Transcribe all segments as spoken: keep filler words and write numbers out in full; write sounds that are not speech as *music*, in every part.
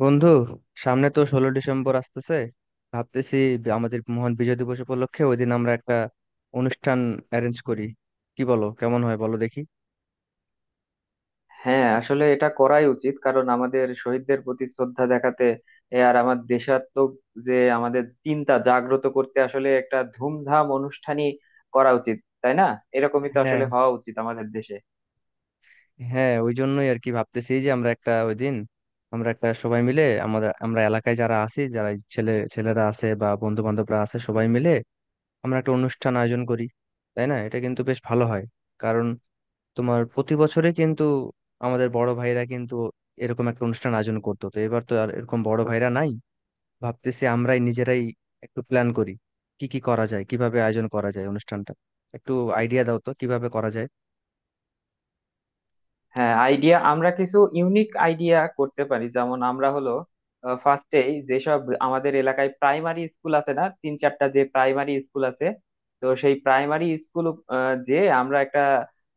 বন্ধু, সামনে তো ষোলো ডিসেম্বর আসতেছে। ভাবতেছি, বি- আমাদের মহান বিজয় দিবস উপলক্ষে ওই দিন আমরা একটা অনুষ্ঠান অ্যারেঞ্জ করি। কি বলো, কেমন হয় বলো দেখি? হ্যাঁ, আসলে এটা করাই উচিত কারণ আমাদের শহীদদের প্রতি শ্রদ্ধা দেখাতে এ আর আমার দেশাত্মক যে আমাদের চিন্তা জাগ্রত করতে আসলে একটা ধুমধাম অনুষ্ঠানই করা উচিত, তাই না? এরকমই তো হ্যাঁ। আসলে হওয়া উচিত আমাদের দেশে। হ্যাঁ, ওই জন্যই আর কি ভাবতেছি যে আমরা একটা ওই দিন আমরা একটা সবাই মিলে, আমাদের আমরা এলাকায় যারা আছি, যারা এই ছেলে ছেলেরা আছে বা বন্ধু বান্ধবরা আছে, সবাই মিলে আমরা একটা অনুষ্ঠান আয়োজন করি। তাই না? এটা কিন্তু বেশ ভালো হয়। কারণ তোমার প্রতি বছরে কিন্তু আমাদের বড় ভাইরা কিন্তু এরকম একটা অনুষ্ঠান আয়োজন করতো, তো এবার তো আর এরকম বড় ভাইরা নাই। ভাবতেছি আমরাই নিজেরাই একটু প্ল্যান করি, কি কি করা যায়, কিভাবে আয়োজন করা যায় অনুষ্ঠানটা। একটু আইডিয়া দাও তো কিভাবে করা যায়। হ্যাঁ, আইডিয়া আমরা কিছু ইউনিক আইডিয়া করতে পারি, যেমন আমরা হলো ফার্স্টেই যেসব আমাদের এলাকায় প্রাইমারি স্কুল আছে না, তিন চারটা যে প্রাইমারি স্কুল আছে, তো সেই প্রাইমারি স্কুল যে আমরা একটা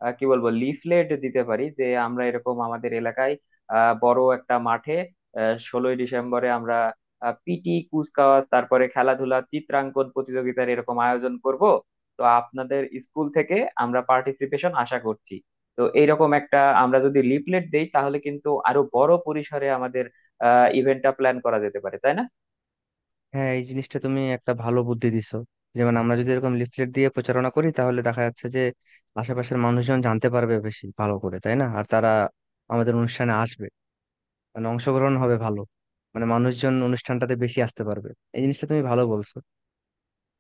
আহ, কি বলবো লিফলেট দিতে পারি যে আমরা এরকম আমাদের এলাকায় আহ, বড় একটা মাঠে ষোলোই ডিসেম্বরে আমরা পিটি কুচকাওয়াজ, তারপরে খেলাধুলা, চিত্রাঙ্কন প্রতিযোগিতার এরকম আয়োজন করব। তো আপনাদের স্কুল থেকে আমরা পার্টিসিপেশন আশা করছি। তো এইরকম একটা আমরা যদি লিফলেট দেই তাহলে কিন্তু আরো বড় পরিসরে আমাদের আহ ইভেন্টটা প্ল্যান করা যেতে পারে, তাই না? হ্যাঁ, এই জিনিসটা তুমি একটা ভালো বুদ্ধি দিছো। যেমন আমরা যদি এরকম লিফলেট দিয়ে প্রচারণা করি তাহলে দেখা যাচ্ছে যে আশেপাশের মানুষজন জানতে পারবে বেশি ভালো করে, তাই না? আর তারা আমাদের অনুষ্ঠানে আসবে, মানে অংশগ্রহণ হবে ভালো, মানে মানুষজন অনুষ্ঠানটাতে বেশি আসতে পারবে। এই জিনিসটা তুমি ভালো বলছো।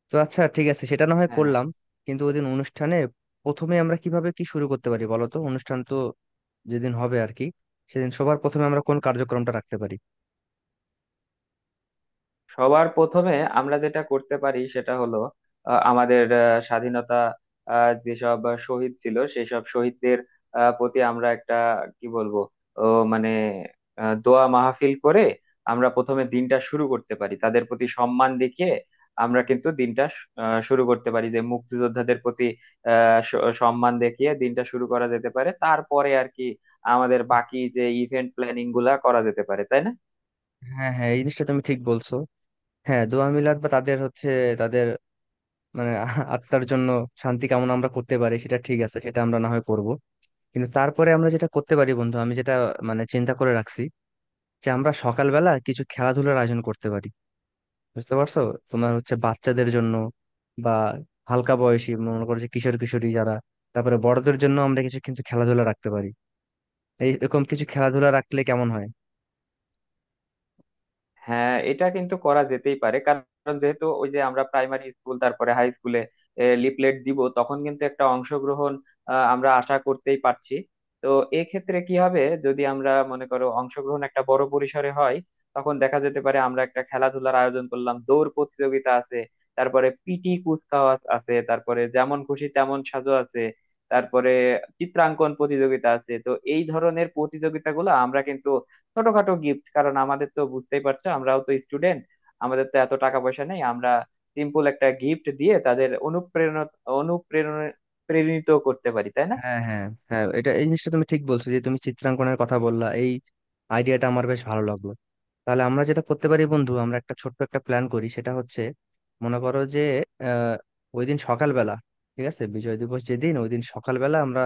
তো আচ্ছা, ঠিক আছে, সেটা না হয় হ্যাঁ, করলাম। কিন্তু ওই দিন অনুষ্ঠানে প্রথমে আমরা কিভাবে কি শুরু করতে পারি বলো তো। অনুষ্ঠান তো যেদিন হবে আর কি, সেদিন সবার প্রথমে আমরা কোন কার্যক্রমটা রাখতে পারি? সবার প্রথমে আমরা যেটা করতে পারি সেটা হলো আহ, আমাদের আহ, স্বাধীনতা আহ, যেসব শহীদ ছিল সেই সব শহীদদের আহ, প্রতি আমরা একটা কি বলবো ও মানে আহ, দোয়া মাহফিল করে আমরা প্রথমে দিনটা শুরু করতে পারি তাদের প্রতি সম্মান দেখিয়ে। আমরা কিন্তু দিনটা আহ, শুরু করতে পারি যে মুক্তিযোদ্ধাদের প্রতি আহ, স- সম্মান দেখিয়ে দিনটা শুরু করা যেতে পারে। তারপরে আর কি আমাদের বাকি আচ্ছা। যে ইভেন্ট প্ল্যানিং গুলা করা যেতে পারে, তাই না? হ্যাঁ হ্যাঁ, এই জিনিসটা তুমি ঠিক বলছো। হ্যাঁ, দোয়া মিলাদ বা তাদের হচ্ছে, তাদের মানে *laughs* আহ আত্মার জন্য শান্তি কামনা আমরা করতে পারি। সেটা ঠিক আছে, সেটা আমরা না হয় করব। কিন্তু তারপরে আমরা যেটা করতে পারি বন্ধু, আমি যেটা মানে চিন্তা করে রাখছি যে আমরা সকালবেলা কিছু খেলাধুলার আয়োজন করতে পারি। বুঝতে পারছো? তোমার হচ্ছে বাচ্চাদের জন্য বা হালকা বয়সী, মনে করো যে কিশোর কিশোরী যারা। তারপরে বড়দের জন্য আমরা কিছু কিন্তু খেলাধুলা রাখতে পারি। এই এরকম কিছু খেলাধুলা রাখলে কেমন হয়? হ্যাঁ, এটা কিন্তু করা যেতেই পারে কারণ যেহেতু ওই যে আমরা প্রাইমারি স্কুল তারপরে হাই স্কুলে লিফলেট দিব তখন কিন্তু একটা অংশগ্রহণ আহ, আমরা আশা করতেই পারছি। তো এক্ষেত্রে কি হবে, যদি আমরা মনে করো অংশগ্রহণ একটা বড় পরিসরে হয়, তখন দেখা যেতে পারে আমরা একটা খেলাধুলার আয়োজন করলাম, দৌড় প্রতিযোগিতা আছে, তারপরে পিটি কুচকাওয়াজ আছে, তারপরে যেমন খুশি তেমন সাজো আছে, তারপরে চিত্রাঙ্কন প্রতিযোগিতা আছে। তো এই ধরনের প্রতিযোগিতাগুলো আমরা কিন্তু ছোটখাটো গিফট, কারণ আমাদের তো বুঝতেই পারছো আমরাও তো স্টুডেন্ট, আমাদের তো এত টাকা পয়সা নেই, আমরা সিম্পল একটা গিফট দিয়ে তাদের অনুপ্রেরণা অনুপ্রেরণা প্রেরিত করতে পারি, তাই না? হ্যাঁ হ্যাঁ। হ্যাঁ, এটা এই জিনিসটা তুমি ঠিক বলছো যে তুমি চিত্রাঙ্কনের কথা বললা, এই আইডিয়াটা আমার বেশ ভালো লাগলো। তাহলে আমরা যেটা করতে পারি বন্ধু, আমরা একটা ছোট্ট একটা প্ল্যান করি, সেটা হচ্ছে মনে করো যে আহ ওই দিন সকালবেলা, ঠিক আছে বিজয় দিবস যেদিন, ওই দিন সকালবেলা আমরা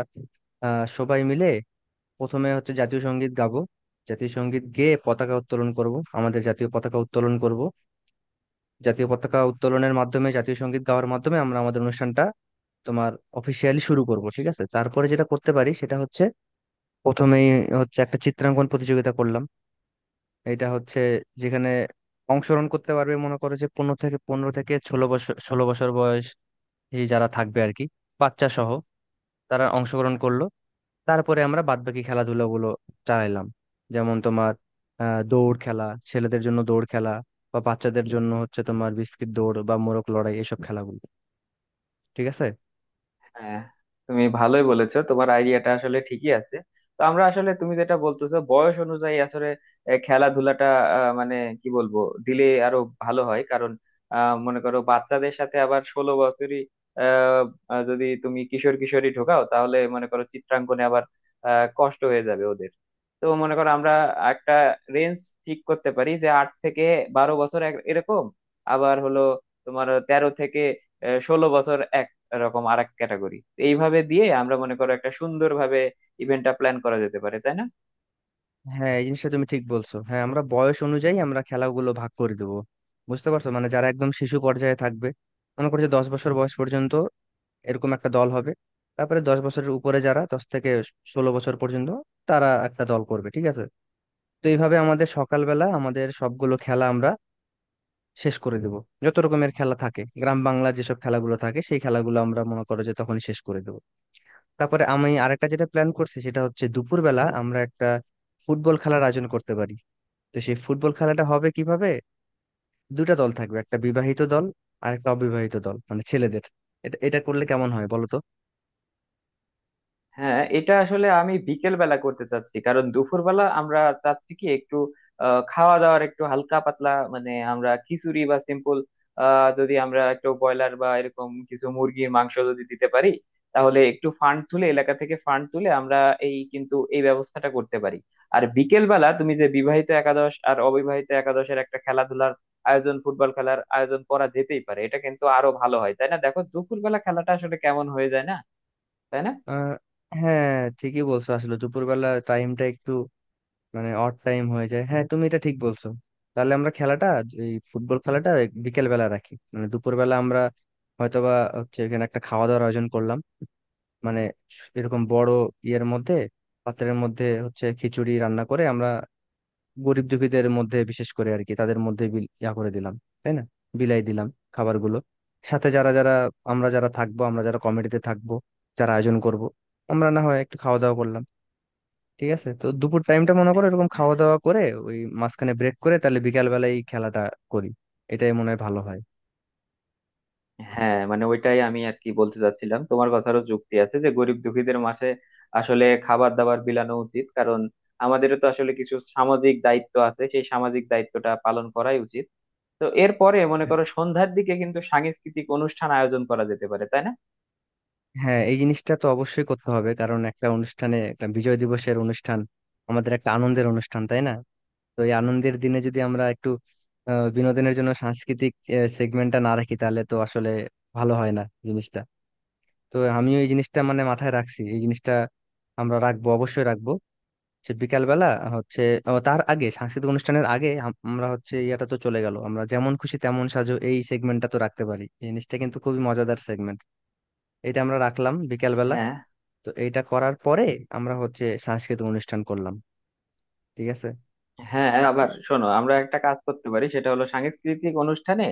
আহ সবাই মিলে প্রথমে হচ্ছে জাতীয় সঙ্গীত গাবো। জাতীয় সঙ্গীত গেয়ে পতাকা উত্তোলন করব, আমাদের জাতীয় পতাকা উত্তোলন করব। জাতীয় পতাকা উত্তোলনের মাধ্যমে, জাতীয় সঙ্গীত গাওয়ার মাধ্যমে আমরা আমাদের অনুষ্ঠানটা তোমার অফিসিয়ালি শুরু করব। ঠিক আছে, তারপরে যেটা করতে পারি সেটা হচ্ছে প্রথমেই হচ্ছে একটা চিত্রাঙ্কন প্রতিযোগিতা করলাম। এটা হচ্ছে যেখানে অংশগ্রহণ করতে পারবে মনে করো যে পনেরো থেকে পনেরো থেকে ষোলো বছর ষোলো বছর বয়স যারা থাকবে আর কি, বাচ্চা সহ। তারা অংশগ্রহণ করলো। তারপরে আমরা বাদবাকি খেলাধুলা গুলো চালাইলাম, যেমন তোমার আহ, দৌড় খেলা, ছেলেদের জন্য দৌড় খেলা, বা বাচ্চাদের জন্য হচ্ছে তোমার বিস্কিট দৌড় বা মোরগ লড়াই, এসব খেলাগুলো। ঠিক আছে। হ্যাঁ, তুমি ভালোই বলেছো, তোমার আইডিয়াটা আসলে ঠিকই আছে। তো আমরা আসলে তুমি যেটা বলতেছো বয়স অনুযায়ী আসলে এ, খেলাধুলাটা আহ, মানে কি বলবো দিলে আরো ভালো হয় কারণ আহ, মনে করো বাচ্চাদের সাথে আবার ষোলো বছরই আহ, আহ, যদি তুমি কিশোর কিশোরী ঢোকাও তাহলে মনে করো চিত্রাঙ্কনে আবার আহ, কষ্ট হয়ে যাবে ওদের। তো মনে করো আমরা একটা রেঞ্জ ঠিক করতে পারি যে আট থেকে বারো বছর এক- এরকম, আবার হলো তোমার তেরো থেকে ষোলো বছর এক, এরকম আরেক ক্যাটাগরি। এইভাবে দিয়ে আমরা মনে করো একটা সুন্দরভাবে ইভেন্টটা প্ল্যান করা যেতে পারে, তাই না? হ্যাঁ, এই জিনিসটা তুমি ঠিক বলছো। হ্যাঁ, আমরা বয়স অনুযায়ী আমরা খেলাগুলো ভাগ করে দেবো। বুঝতে পারছো, মানে যারা একদম শিশু পর্যায়ে থাকবে, মনে করছে দশ বছর বয়স পর্যন্ত, এরকম একটা দল হবে। তারপরে দশ বছরের উপরে যারা, দশ থেকে ষোলো বছর পর্যন্ত, তারা একটা দল করবে। ঠিক আছে। তো এইভাবে আমাদের সকালবেলা আমাদের সবগুলো খেলা আমরা শেষ করে দেব। যত রকমের খেলা থাকে গ্রাম বাংলা যেসব খেলাগুলো থাকে সেই খেলাগুলো আমরা মনে করো যে তখনই শেষ করে দেব। তারপরে আমি আরেকটা যেটা প্ল্যান করছি সেটা হচ্ছে দুপুরবেলা আমরা একটা ফুটবল খেলার আয়োজন করতে পারি। তো সেই ফুটবল খেলাটা হবে কিভাবে? দুইটা দল থাকবে, একটা বিবাহিত দল আর একটা অবিবাহিত দল, মানে ছেলেদের। এটা এটা করলে কেমন হয় বলো তো? হ্যাঁ, এটা আসলে আমি বিকেল বেলা করতে চাচ্ছি কারণ দুপুরবেলা আমরা চাচ্ছি কি একটু আহ, খাওয়া দাওয়ার একটু হালকা পাতলা, মানে আমরা খিচুড়ি বা সিম্পল যদি আমরা একটু ব্রয়লার বা এরকম কিছু মুরগির মাংস যদি দিতে পারি, তাহলে একটু ফান্ড তুলে এলাকা থেকে ফান্ড তুলে আমরা এই কিন্তু এই ব্যবস্থাটা করতে পারি। আর বিকেল বেলা তুমি যে বিবাহিত একাদশ আর অবিবাহিত একাদশের একটা খেলাধুলার আয়োজন, ফুটবল খেলার আয়োজন করা যেতেই পারে, এটা কিন্তু আরো ভালো হয়, তাই না? দেখো দুপুরবেলা খেলাটা আসলে কেমন হয়ে যায় না, তাই আহ হ্যাঁ, ঠিকই বলছো, আসলে দুপুরবেলা টাইমটা একটু মানে অড টাইম হয়ে যায়। হ্যাঁ, তুমি এটা ঠিক বলছো। তাহলে আমরা খেলাটা, এই ফুটবল খেলাটা বিকেল বেলা রাখি। মানে দুপুর বেলা আমরা হয়তোবা হচ্ছে এখানে একটা খাওয়া দাওয়ার আয়োজন করলাম, মানে এরকম বড় ইয়ের মধ্যে, পাত্রের মধ্যে হচ্ছে খিচুড়ি রান্না করে আমরা গরিব দুঃখীদের মধ্যে বিশেষ করে আর কি তাদের মধ্যে বিল- ইয়া করে দিলাম। তাই না? বিলাই দিলাম খাবারগুলো। সাথে যারা যারা আমরা যারা থাকবো, আমরা যারা কমিটিতে থাকবো, যারা আয়োজন করব, আমরা না হয় একটু খাওয়া দাওয়া করলাম। ঠিক আছে, তো দুপুর টাইমটা মনে করো এরকম না? খাওয়া দাওয়া করে ওই মাঝখানে ব্রেক করে, তাহলে বিকাল বেলায় এই খেলাটা করি। এটাই মনে হয় ভালো হয়। হ্যাঁ, মানে ওইটাই আমি আর কি বলতে চাচ্ছিলাম, তোমার কথারও যুক্তি আছে যে গরিব দুঃখীদের মাঝে আসলে খাবার দাবার বিলানো উচিত, কারণ আমাদেরও তো আসলে কিছু সামাজিক দায়িত্ব আছে, সেই সামাজিক দায়িত্বটা পালন করাই উচিত। তো এরপরে মনে হ্যাঁ করো সন্ধ্যার দিকে কিন্তু সাংস্কৃতিক অনুষ্ঠান আয়োজন করা যেতে পারে, তাই না? হ্যাঁ, এই জিনিসটা তো অবশ্যই করতে হবে, কারণ একটা অনুষ্ঠানে, একটা বিজয় দিবসের অনুষ্ঠান, আমাদের একটা আনন্দের অনুষ্ঠান, তাই না? তো এই আনন্দের দিনে যদি আমরা একটু আহ, বিনোদনের জন্য সাংস্কৃতিক সেগমেন্টটা না রাখি, তাহলে তো আসলে ভালো হয় না জিনিসটা। তো আমিও এই জিনিসটা মানে মাথায় রাখছি, এই জিনিসটা আমরা রাখবো, অবশ্যই রাখবো। সে বিকালবেলা হচ্ছে ও, তার আগে সাংস্কৃতিক অনুষ্ঠানের আগে আম- আমরা হচ্ছে ইয়াটা তো চলে গেল, আমরা যেমন খুশি তেমন সাজো, এই সেগমেন্টটা তো রাখতে পারি। এই জিনিসটা কিন্তু খুবই মজাদার সেগমেন্ট। এটা আমরা রাখলাম বিকালবেলা। হ্যাঁ, তো এইটা করার পরে আমরা হচ্ছে সাংস্কৃতিক অনুষ্ঠান করলাম। ঠিক আছে। হ্যাঁ, হ্যাঁ, আবার শোনো আমরা একটা কাজ করতে পারি, সেটা হলো সাংস্কৃতিক অনুষ্ঠানে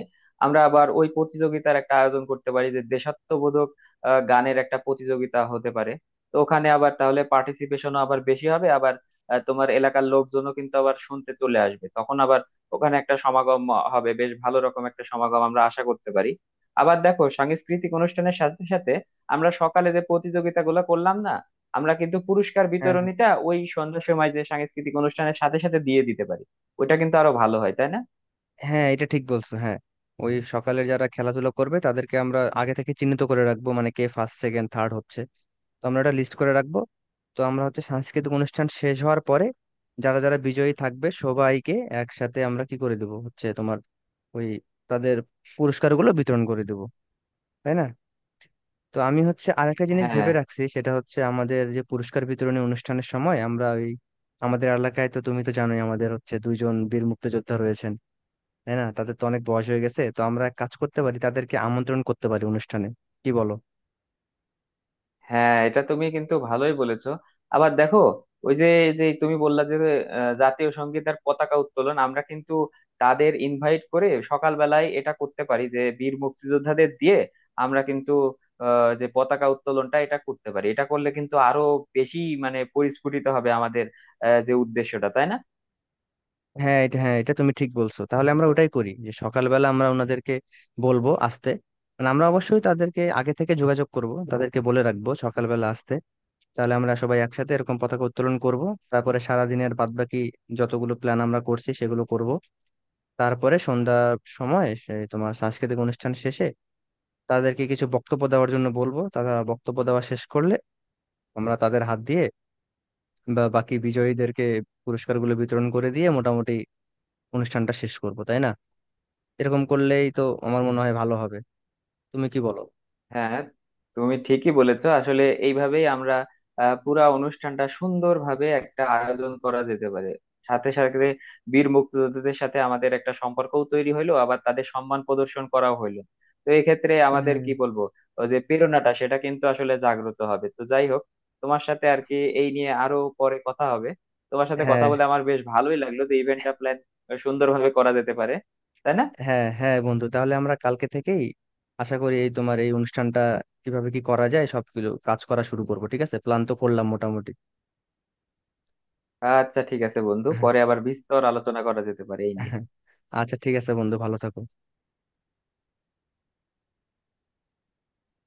আমরা আবার ওই প্রতিযোগিতার একটা আয়োজন করতে পারি, যে দেশাত্মবোধক আহ, গানের একটা প্রতিযোগিতা হতে পারে। তো ওখানে আবার তাহলে পার্টিসিপেশনও আবার বেশি হবে, আবার আহ, তোমার এলাকার লোকজনও কিন্তু আবার শুনতে চলে আসবে, তখন আবার ওখানে একটা সমাগম হবে, বেশ ভালো রকম একটা সমাগম আমরা আশা করতে পারি। আবার দেখো সাংস্কৃতিক অনুষ্ঠানের সাথে সাথে আমরা সকালে যে প্রতিযোগিতাগুলো করলাম না, আমরা কিন্তু পুরস্কার হ্যাঁ হ্যাঁ। বিতরণীটা ওই সন্ধ্যার সময় যে সাংস্কৃতিক অনুষ্ঠানের সাথে সাথে দিয়ে দিতে পারি। ওটা কিন্তু আরো ভালো হয়, তাই না? হ্যাঁ, এটা ঠিক বলছো। হ্যাঁ, ওই সকালে যারা খেলাধুলা করবে তাদেরকে আমরা আগে থেকে চিহ্নিত করে রাখবো, মানে কে ফার্স্ট, সেকেন্ড, থার্ড হচ্ছে। তো আমরা একটা লিস্ট করে রাখবো। তো আমরা হচ্ছে সাংস্কৃতিক অনুষ্ঠান শেষ হওয়ার পরে যারা যারা বিজয়ী থাকবে সবাইকে একসাথে আমরা কি করে দেবো হচ্ছে তোমার ওই তাদের পুরস্কারগুলো বিতরণ করে দেবো। তাই না? তো আমি হচ্ছে আরেকটা জিনিস হ্যাঁ, ভেবে রাখছি, সেটা হচ্ছে আমাদের যে পুরস্কার বিতরণী অনুষ্ঠানের সময় আমরা ওই আমাদের এলাকায় তো তুমি তো জানোই আমাদের হচ্ছে দুইজন বীর মুক্তিযোদ্ধা রয়েছেন। তাই না? তাদের তো অনেক বয়স হয়ে গেছে, তো আমরা এক কাজ করতে পারি তাদেরকে আমন্ত্রণ করতে পারি অনুষ্ঠানে। কি বলো? হ্যাঁ, এটা তুমি কিন্তু ভালোই বলেছো। আবার দেখো ওই যে যে তুমি বললা যে আহ, জাতীয় সঙ্গীত আর পতাকা উত্তোলন আমরা কিন্তু তাদের ইনভাইট করে সকালবেলায় এটা করতে পারি, যে বীর মুক্তিযোদ্ধাদের দিয়ে আমরা কিন্তু আহ, যে পতাকা উত্তোলনটা এটা করতে পারি, এটা করলে কিন্তু আরো বেশি মানে পরিস্ফুটিত হবে আমাদের আহ, যে উদ্দেশ্যটা, তাই না? হ্যাঁ, এটা হ্যাঁ এটা তুমি ঠিক বলছো। তাহলে আমরা ওটাই করি যে সকালবেলা আমরা ওনাদেরকে বলবো আসতে, মানে আমরা অবশ্যই তাদেরকে আগে থেকে যোগাযোগ করব, তাদেরকে বলে রাখবো সকালবেলা আসতে। তাহলে আমরা সবাই একসাথে এরকম পতাকা উত্তোলন করব। তারপরে সারা দিনের বাদবাকি যতগুলো প্ল্যান আমরা করছি সেগুলো করব। তারপরে সন্ধ্যার সময় সে তোমার সাংস্কৃতিক অনুষ্ঠান শেষে তাদেরকে কিছু বক্তব্য দেওয়ার জন্য বলবো। তারা বক্তব্য দেওয়া শেষ করলে আমরা তাদের হাত দিয়ে বা বাকি বিজয়ীদেরকে পুরস্কারগুলো বিতরণ করে দিয়ে মোটামুটি অনুষ্ঠানটা শেষ করবো। তাই না? এরকম করলেই তো আমার মনে হয় ভালো হবে। তুমি কি বলো? হ্যাঁ, তুমি ঠিকই বলেছো, আসলে এইভাবেই আমরা আহ, পুরা অনুষ্ঠানটা সুন্দরভাবে একটা আয়োজন করা যেতে পারে। সাথে সাথে বীর মুক্তিযোদ্ধাদের সাথে আমাদের একটা সম্পর্কও তৈরি হইলো, আবার তাদের সম্মান প্রদর্শন করাও হইলো। তো এই ক্ষেত্রে আমাদের হ্যাঁ কি বলবো ওই যে প্রেরণাটা সেটা কিন্তু আসলে জাগ্রত হবে। তো যাই হোক, তোমার সাথে আর কি এই নিয়ে আরো পরে কথা হবে। তোমার সাথে কথা হ্যাঁ। বলে আমার বেশ ভালোই লাগলো যে ইভেন্টটা প্ল্যান সুন্দরভাবে করা যেতে পারে, তাই না? হ্যাঁ হ্যাঁ বন্ধু, তাহলে আমরা কালকে থেকেই আশা করি এই তোমার এই অনুষ্ঠানটা কিভাবে কি করা যায় সবগুলো কাজ করা শুরু করবো। ঠিক আছে, প্ল্যান তো করলাম মোটামুটি। আচ্ছা, ঠিক আছে বন্ধু, হ্যাঁ, পরে আবার বিস্তর আলোচনা করা যেতে পারে এই নিয়ে। হ্যাঁ। আচ্ছা ঠিক আছে বন্ধু, ভালো থাকো।